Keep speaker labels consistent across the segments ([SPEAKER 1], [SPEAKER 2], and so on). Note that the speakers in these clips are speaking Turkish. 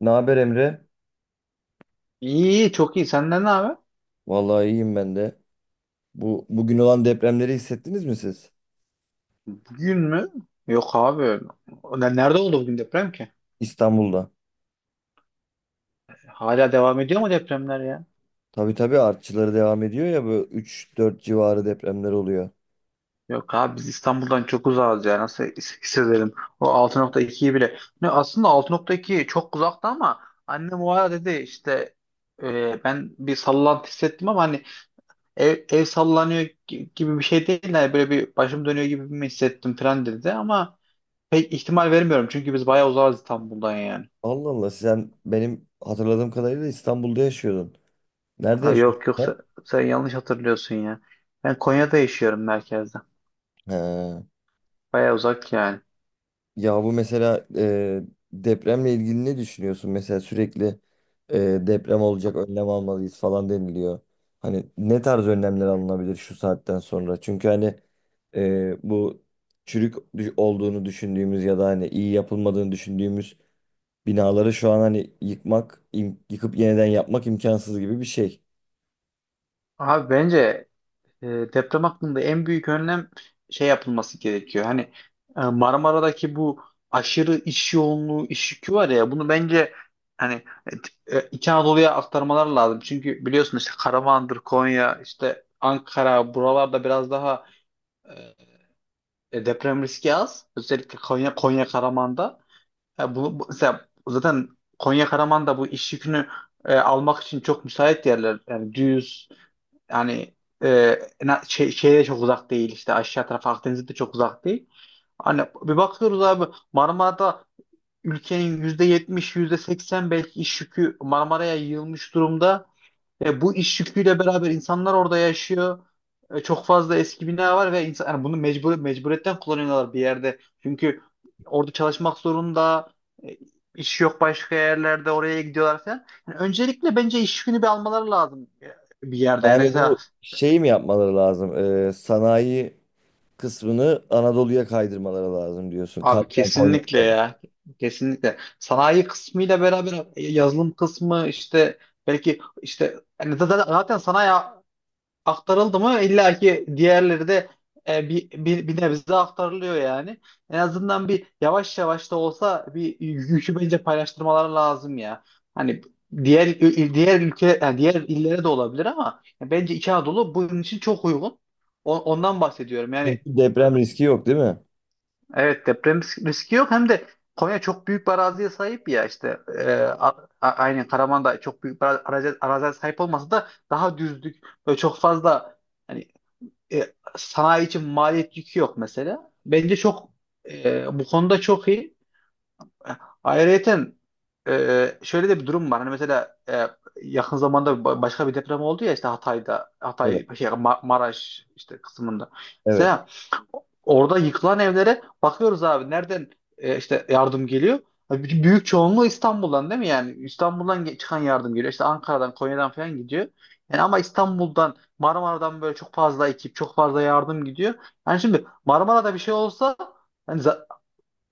[SPEAKER 1] Ne haber, Emre?
[SPEAKER 2] İyi, çok iyi. Senden ne haber?
[SPEAKER 1] Vallahi iyiyim ben de. Bu bugün olan depremleri hissettiniz mi siz?
[SPEAKER 2] Bugün mü? Yok abi. Nerede oldu bugün deprem ki?
[SPEAKER 1] İstanbul'da.
[SPEAKER 2] Hala devam ediyor mu depremler ya?
[SPEAKER 1] Tabii tabii, artçıları devam ediyor ya, böyle üç dört civarı depremler oluyor.
[SPEAKER 2] Yok abi biz İstanbul'dan çok uzağız ya. Nasıl hissedelim? O 6.2'yi bile. Aslında altı nokta iki çok uzakta ama annem o ara dedi işte ben bir sallantı hissettim ama hani ev sallanıyor gibi bir şey değil. Yani böyle bir başım dönüyor gibi mi hissettim falan dedi ama pek ihtimal vermiyorum. Çünkü biz bayağı uzağız İstanbul'dan yani.
[SPEAKER 1] Allah Allah, sen benim hatırladığım kadarıyla İstanbul'da yaşıyordun. Nerede
[SPEAKER 2] Ha,
[SPEAKER 1] yaşıyorsun
[SPEAKER 2] yok sen,
[SPEAKER 1] sen?
[SPEAKER 2] sen yanlış hatırlıyorsun ya. Ben Konya'da yaşıyorum, merkezde.
[SPEAKER 1] He.
[SPEAKER 2] Baya uzak yani.
[SPEAKER 1] Ya bu mesela depremle ilgili ne düşünüyorsun? Mesela sürekli deprem olacak, önlem almalıyız falan deniliyor. Hani ne tarz önlemler alınabilir şu saatten sonra? Çünkü hani bu olduğunu düşündüğümüz ya da hani iyi yapılmadığını düşündüğümüz binaları şu an hani yıkmak, yıkıp yeniden yapmak imkansız gibi bir şey.
[SPEAKER 2] Abi bence e, deprem hakkında en büyük önlem şey yapılması gerekiyor. Hani Marmara'daki bu aşırı iş yoğunluğu, iş yükü var ya, bunu bence hani İç Anadolu'ya aktarmalar lazım. Çünkü biliyorsun işte Karaman'dır, Konya, işte Ankara, buralarda biraz daha deprem riski az. Özellikle Konya, Konya Karaman'da. Ya mesela zaten Konya Karaman da bu iş yükünü almak için çok müsait yerler. Yani düz, yani şeye çok uzak değil, işte aşağı taraf Akdeniz'de de çok uzak değil. Hani bir bakıyoruz abi, Marmara'da ülkenin yüzde yetmiş, yüzde seksen belki iş yükü Marmara'ya yığılmış durumda. Bu iş yüküyle beraber insanlar orada yaşıyor. Çok fazla eski bina var ve insan, yani bunu mecbur, mecburiyetten kullanıyorlar bir yerde. Çünkü orada çalışmak zorunda, e, iş yok başka yerlerde, oraya gidiyorlar falan. Yani öncelikle bence iş yükünü bir almaları lazım bir yerde. Yani
[SPEAKER 1] Yani
[SPEAKER 2] mesela
[SPEAKER 1] bu şeyi mi yapmaları lazım? Sanayi kısmını Anadolu'ya kaydırmaları lazım diyorsun.
[SPEAKER 2] abi,
[SPEAKER 1] Katman.
[SPEAKER 2] kesinlikle ya. Kesinlikle. Sanayi kısmıyla beraber yazılım kısmı, işte belki işte yani zaten sanayi aktarıldı mı illa ki diğerleri de bir nebze aktarılıyor yani. En azından bir, yavaş yavaş da olsa, bir yükü bence paylaştırmaları lazım ya. Hani diğer diğer ülke, yani diğer illere de olabilir ama bence İç Anadolu bunun için çok uygun. Ondan bahsediyorum. Yani
[SPEAKER 1] Çünkü deprem riski yok değil mi?
[SPEAKER 2] evet, deprem riski yok, hem de Konya çok büyük bir araziye sahip ya, işte aynen Karaman da çok büyük bir arazi, araziye sahip olmasa da daha düzlük, böyle çok fazla hani e, sanayi için maliyet yükü yok mesela. Bence çok bu konuda çok iyi. Ayrıyeten şöyle de bir durum var. Hani mesela yakın zamanda başka bir deprem oldu ya, işte Hatay'da,
[SPEAKER 1] Evet.
[SPEAKER 2] Hatay şey Maraş işte kısmında.
[SPEAKER 1] Evet.
[SPEAKER 2] Mesela orada yıkılan evlere bakıyoruz abi, nereden işte yardım geliyor. Abi bütün, büyük çoğunluğu İstanbul'dan değil mi yani? İstanbul'dan çıkan yardım geliyor. İşte Ankara'dan, Konya'dan falan gidiyor. Yani ama İstanbul'dan, Marmara'dan böyle çok fazla ekip, çok fazla yardım gidiyor. Yani şimdi Marmara'da bir şey olsa, yani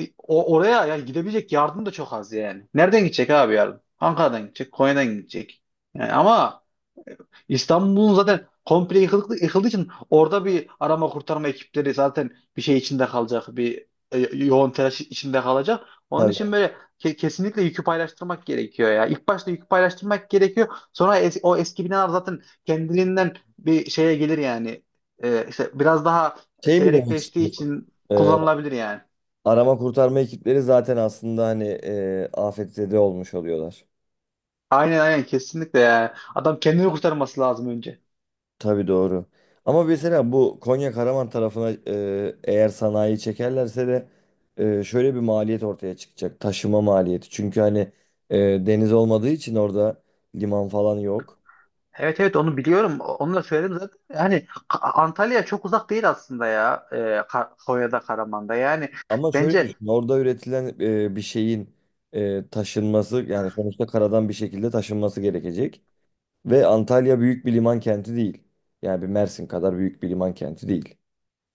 [SPEAKER 2] oraya yani gidebilecek yardım da çok az yani. Nereden gidecek abi yardım? Ankara'dan gidecek, Konya'dan gidecek. Yani ama İstanbul'un zaten komple yıkıldığı için orada bir arama kurtarma ekipleri zaten bir şey içinde kalacak, bir e, yoğun telaş içinde kalacak. Onun
[SPEAKER 1] Tabii.
[SPEAKER 2] için böyle kesinlikle yükü paylaştırmak gerekiyor ya. İlk başta yükü paylaştırmak gerekiyor. Sonra o eski binalar zaten kendiliğinden bir şeye gelir yani. İşte biraz daha
[SPEAKER 1] Şey mi demek
[SPEAKER 2] seyrekleştiği
[SPEAKER 1] istiyorsun?
[SPEAKER 2] için
[SPEAKER 1] Ee,
[SPEAKER 2] kullanılabilir yani.
[SPEAKER 1] Arama kurtarma ekipleri zaten aslında hani afetzede olmuş oluyorlar.
[SPEAKER 2] Aynen aynen, kesinlikle ya. Adam kendini kurtarması lazım önce.
[SPEAKER 1] Tabii, doğru. Ama mesela bu Konya Karaman tarafına eğer sanayi çekerlerse de şöyle bir maliyet ortaya çıkacak. Taşıma maliyeti. Çünkü hani e, deniz olmadığı için orada liman falan yok.
[SPEAKER 2] Evet evet, onu biliyorum. Onu da söyledim zaten. Yani Antalya çok uzak değil aslında ya. Konya'da, Karaman'da. Yani
[SPEAKER 1] Ama şöyle
[SPEAKER 2] bence
[SPEAKER 1] düşün. Orada üretilen bir şeyin taşınması, yani sonuçta karadan bir şekilde taşınması gerekecek. Ve Antalya büyük bir liman kenti değil. Yani bir Mersin kadar büyük bir liman kenti değil.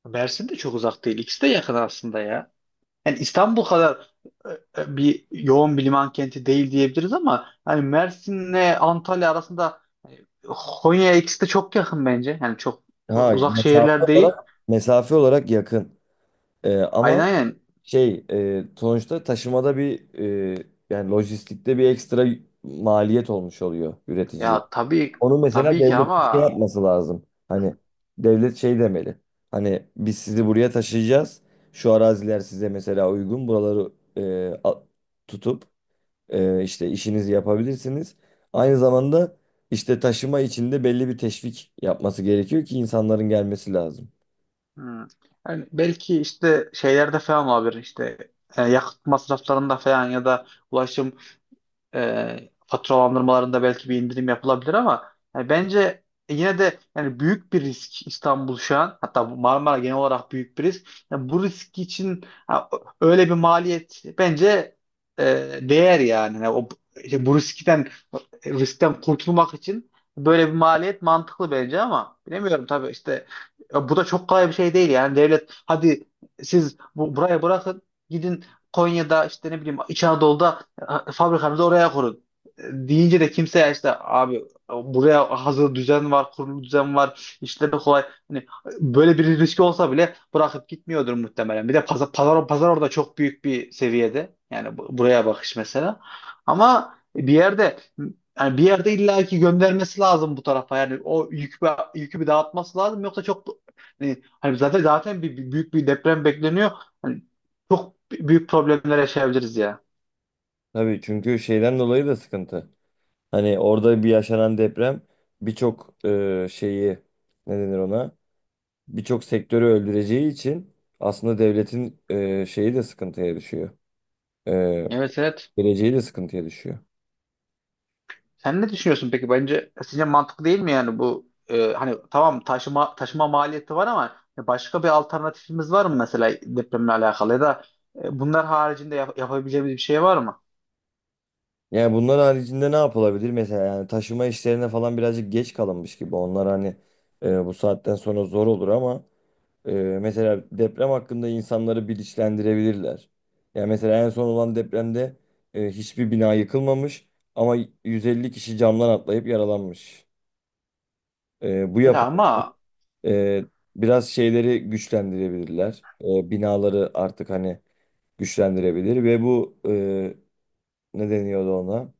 [SPEAKER 2] Mersin de çok uzak değil. İkisi de yakın aslında ya. Yani İstanbul kadar bir yoğun bir liman kenti değil diyebiliriz ama hani Mersin'le Antalya arasında hani Konya, ikisi de çok yakın bence. Yani çok
[SPEAKER 1] Ha
[SPEAKER 2] uzak
[SPEAKER 1] mesafe
[SPEAKER 2] şehirler değil.
[SPEAKER 1] olarak mesafe olarak yakın.
[SPEAKER 2] Aynen
[SPEAKER 1] Ama
[SPEAKER 2] aynen.
[SPEAKER 1] sonuçta taşımada bir, yani lojistikte bir ekstra maliyet olmuş oluyor
[SPEAKER 2] Ya
[SPEAKER 1] üreticiye.
[SPEAKER 2] tabii,
[SPEAKER 1] Onu mesela
[SPEAKER 2] tabii ki ama
[SPEAKER 1] devlet şey yapması lazım. Hani devlet şey demeli. Hani biz sizi buraya taşıyacağız. Şu araziler size mesela uygun. Buraları e, a- tutup işte işinizi yapabilirsiniz. Aynı zamanda işte taşıma içinde belli bir teşvik yapması gerekiyor ki insanların gelmesi lazım.
[SPEAKER 2] hmm. Yani belki işte şeylerde falan olabilir, işte yakıt masraflarında falan ya da ulaşım faturalandırmalarında belki bir indirim yapılabilir ama yani bence yine de, yani büyük bir risk İstanbul şu an, hatta bu Marmara genel olarak büyük bir risk. Yani bu risk için ha, öyle bir maliyet bence e, değer yani. Yani o, işte bu riskten kurtulmak için böyle bir maliyet mantıklı bence ama bilemiyorum tabii, işte bu da çok kolay bir şey değil yani. Devlet, hadi siz buraya bırakın, gidin Konya'da, işte ne bileyim İç Anadolu'da, ha, fabrikanızı oraya kurun. Deyince de kimse, işte abi buraya hazır düzen var, kurulu düzen var, işleri kolay. Hani böyle bir riski olsa bile bırakıp gitmiyordur muhtemelen. Bir de pazar orada çok büyük bir seviyede. Yani buraya bakış mesela. Ama bir yerde, yani bir yerde illaki göndermesi lazım bu tarafa. Yani o yükü bir dağıtması lazım. Yoksa çok, hani zaten büyük bir deprem bekleniyor. Hani çok büyük problemler yaşayabiliriz ya.
[SPEAKER 1] Tabii, çünkü şeyden dolayı da sıkıntı. Hani orada bir yaşanan deprem birçok şeyi, ne denir ona? Birçok sektörü öldüreceği için aslında devletin şeyi de sıkıntıya düşüyor. E,
[SPEAKER 2] Evet evet.
[SPEAKER 1] Geleceği de sıkıntıya düşüyor.
[SPEAKER 2] Sen ne düşünüyorsun peki? Bence sizce mantıklı değil mi yani bu, hani tamam, taşıma maliyeti var ama başka bir alternatifimiz var mı mesela depremle alakalı, ya da bunlar haricinde yapabileceğimiz bir şey var mı?
[SPEAKER 1] Yani bunlar haricinde ne yapılabilir? Mesela yani taşıma işlerine falan birazcık geç kalınmış gibi. Onlar hani bu saatten sonra zor olur ama e, mesela deprem hakkında insanları bilinçlendirebilirler. Yani mesela en son olan depremde hiçbir bina yıkılmamış ama 150 kişi camdan atlayıp yaralanmış. E, bu yap
[SPEAKER 2] Ya ama
[SPEAKER 1] Ee, biraz şeyleri güçlendirebilirler. Binaları artık hani güçlendirebilir ve bu, ne deniyordu ona?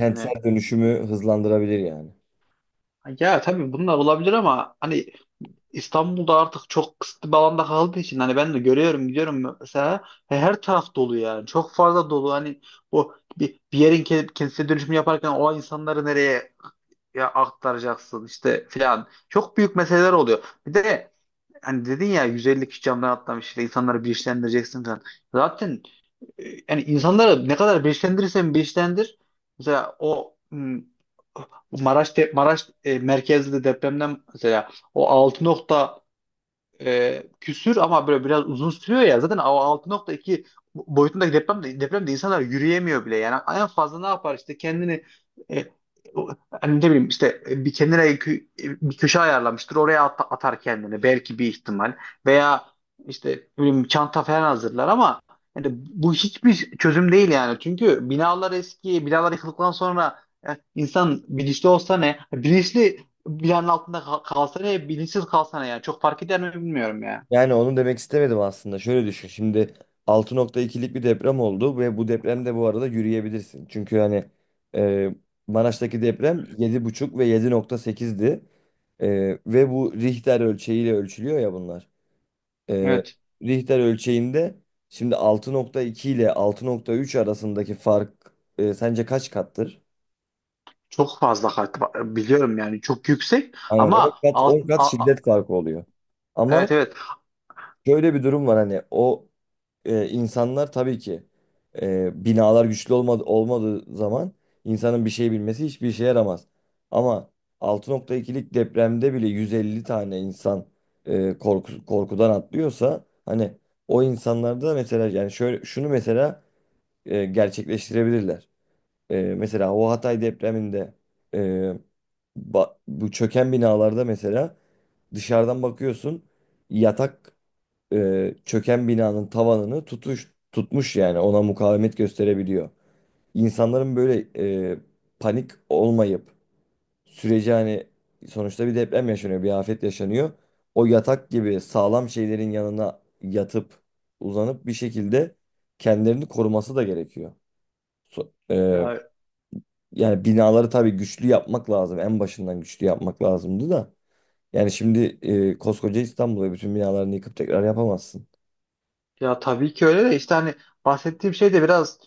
[SPEAKER 2] hani,
[SPEAKER 1] dönüşümü hızlandırabilir yani.
[SPEAKER 2] ya tabii bunlar olabilir ama hani İstanbul'da artık çok kısıtlı bir alanda kaldığı için, hani ben de görüyorum, gidiyorum mesela, he, her taraf dolu yani, çok fazla dolu. Hani o bir yerin kendisine dönüşümü yaparken o insanları nereye ya aktaracaksın işte filan. Çok büyük meseleler oluyor. Bir de hani dedin ya, 150 kişi camdan atlamış, işte insanları bilinçlendireceksin falan. Zaten yani insanları ne kadar bilinçlendirirsen bilinçlendir. Mesela o hmm, Maraş merkezli depremden, mesela o altı nokta küsür ama böyle biraz uzun sürüyor ya. Zaten o altı nokta iki boyutundaki depremde insanlar yürüyemiyor bile. Yani en fazla ne yapar, işte kendini e, o- hani ne bileyim, işte bir kenara bir köşe ayarlamıştır. Oraya atar kendini belki, bir ihtimal, veya işte ne bileyim çanta falan hazırlar ama yani bu hiçbir çözüm değil yani. Çünkü binalar eski, binalar yıkıldıktan sonra insan bilinçli olsa ne? Bilinçli, bilenin altında kalsa ne, bilinçsiz kalsa ne yani. Çok fark eder mi, bilmiyorum ya.
[SPEAKER 1] Yani onu demek istemedim aslında. Şöyle düşün. Şimdi altı nokta ikilik bir deprem oldu ve bu depremde, bu arada, yürüyebilirsin. Çünkü hani e, Maraş'taki deprem 7,5 ve 7,8'di. E, Ve bu Richter ölçeğiyle ölçülüyor ya bunlar. e,
[SPEAKER 2] Evet.
[SPEAKER 1] Richter ölçeğinde şimdi 6,2 ile 6,3 arasındaki fark sence kaç kattır?
[SPEAKER 2] Çok fazla fark var. Biliyorum yani. Çok yüksek
[SPEAKER 1] Aynen, 10
[SPEAKER 2] ama
[SPEAKER 1] kat, on kat şiddet farkı oluyor. Ama
[SPEAKER 2] evet evet.
[SPEAKER 1] şöyle bir durum var: hani o, insanlar tabii ki, binalar güçlü olmadığı zaman insanın bir şey bilmesi hiçbir işe yaramaz. Ama 6,2'lik depremde bile 150 tane insan korkudan atlıyorsa, hani o insanlarda mesela, yani şöyle şunu mesela gerçekleştirebilirler. Mesela o Hatay depreminde e, bu çöken binalarda mesela, dışarıdan bakıyorsun, yatak çöken binanın tavanını tutmuş, yani ona mukavemet gösterebiliyor. İnsanların böyle e, panik olmayıp süreci hani, sonuçta bir deprem yaşanıyor, bir afet yaşanıyor. O yatak gibi sağlam şeylerin yanına yatıp uzanıp bir şekilde kendilerini koruması da gerekiyor. So- e,
[SPEAKER 2] Ya,
[SPEAKER 1] yani binaları tabii güçlü yapmak lazım. En başından güçlü yapmak lazımdı da. Yani şimdi, koskoca İstanbul'u, bütün binalarını yıkıp tekrar yapamazsın.
[SPEAKER 2] ya tabii ki öyle, de işte hani bahsettiğim şey de biraz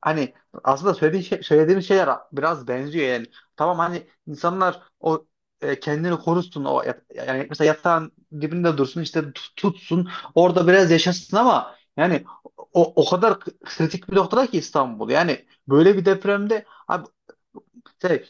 [SPEAKER 2] hani, aslında söylediğin şey, söylediğimiz şeyler biraz benziyor yani. Tamam hani insanlar o kendini korusun, o yani mesela yatağın dibinde dursun, işte tutsun, orada biraz yaşasın ama yani o, o kadar kritik bir noktada ki İstanbul. Yani böyle bir depremde abi şey,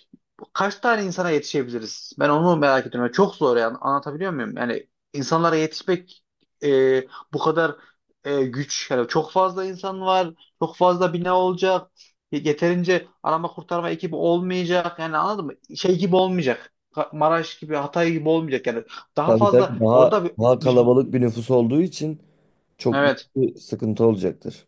[SPEAKER 2] kaç tane insana yetişebiliriz? Ben onu merak ediyorum. Yani çok zor yani, anlatabiliyor muyum? Yani insanlara yetişmek e, bu kadar güç. Yani çok fazla insan var, çok fazla bina olacak. Yeterince arama kurtarma ekibi olmayacak. Yani anladın mı? Şey gibi olmayacak. Maraş gibi, Hatay gibi olmayacak. Yani daha
[SPEAKER 1] Tabii tabii,
[SPEAKER 2] fazla orada
[SPEAKER 1] daha kalabalık bir nüfus olduğu için çok büyük
[SPEAKER 2] evet.
[SPEAKER 1] bir sıkıntı olacaktır.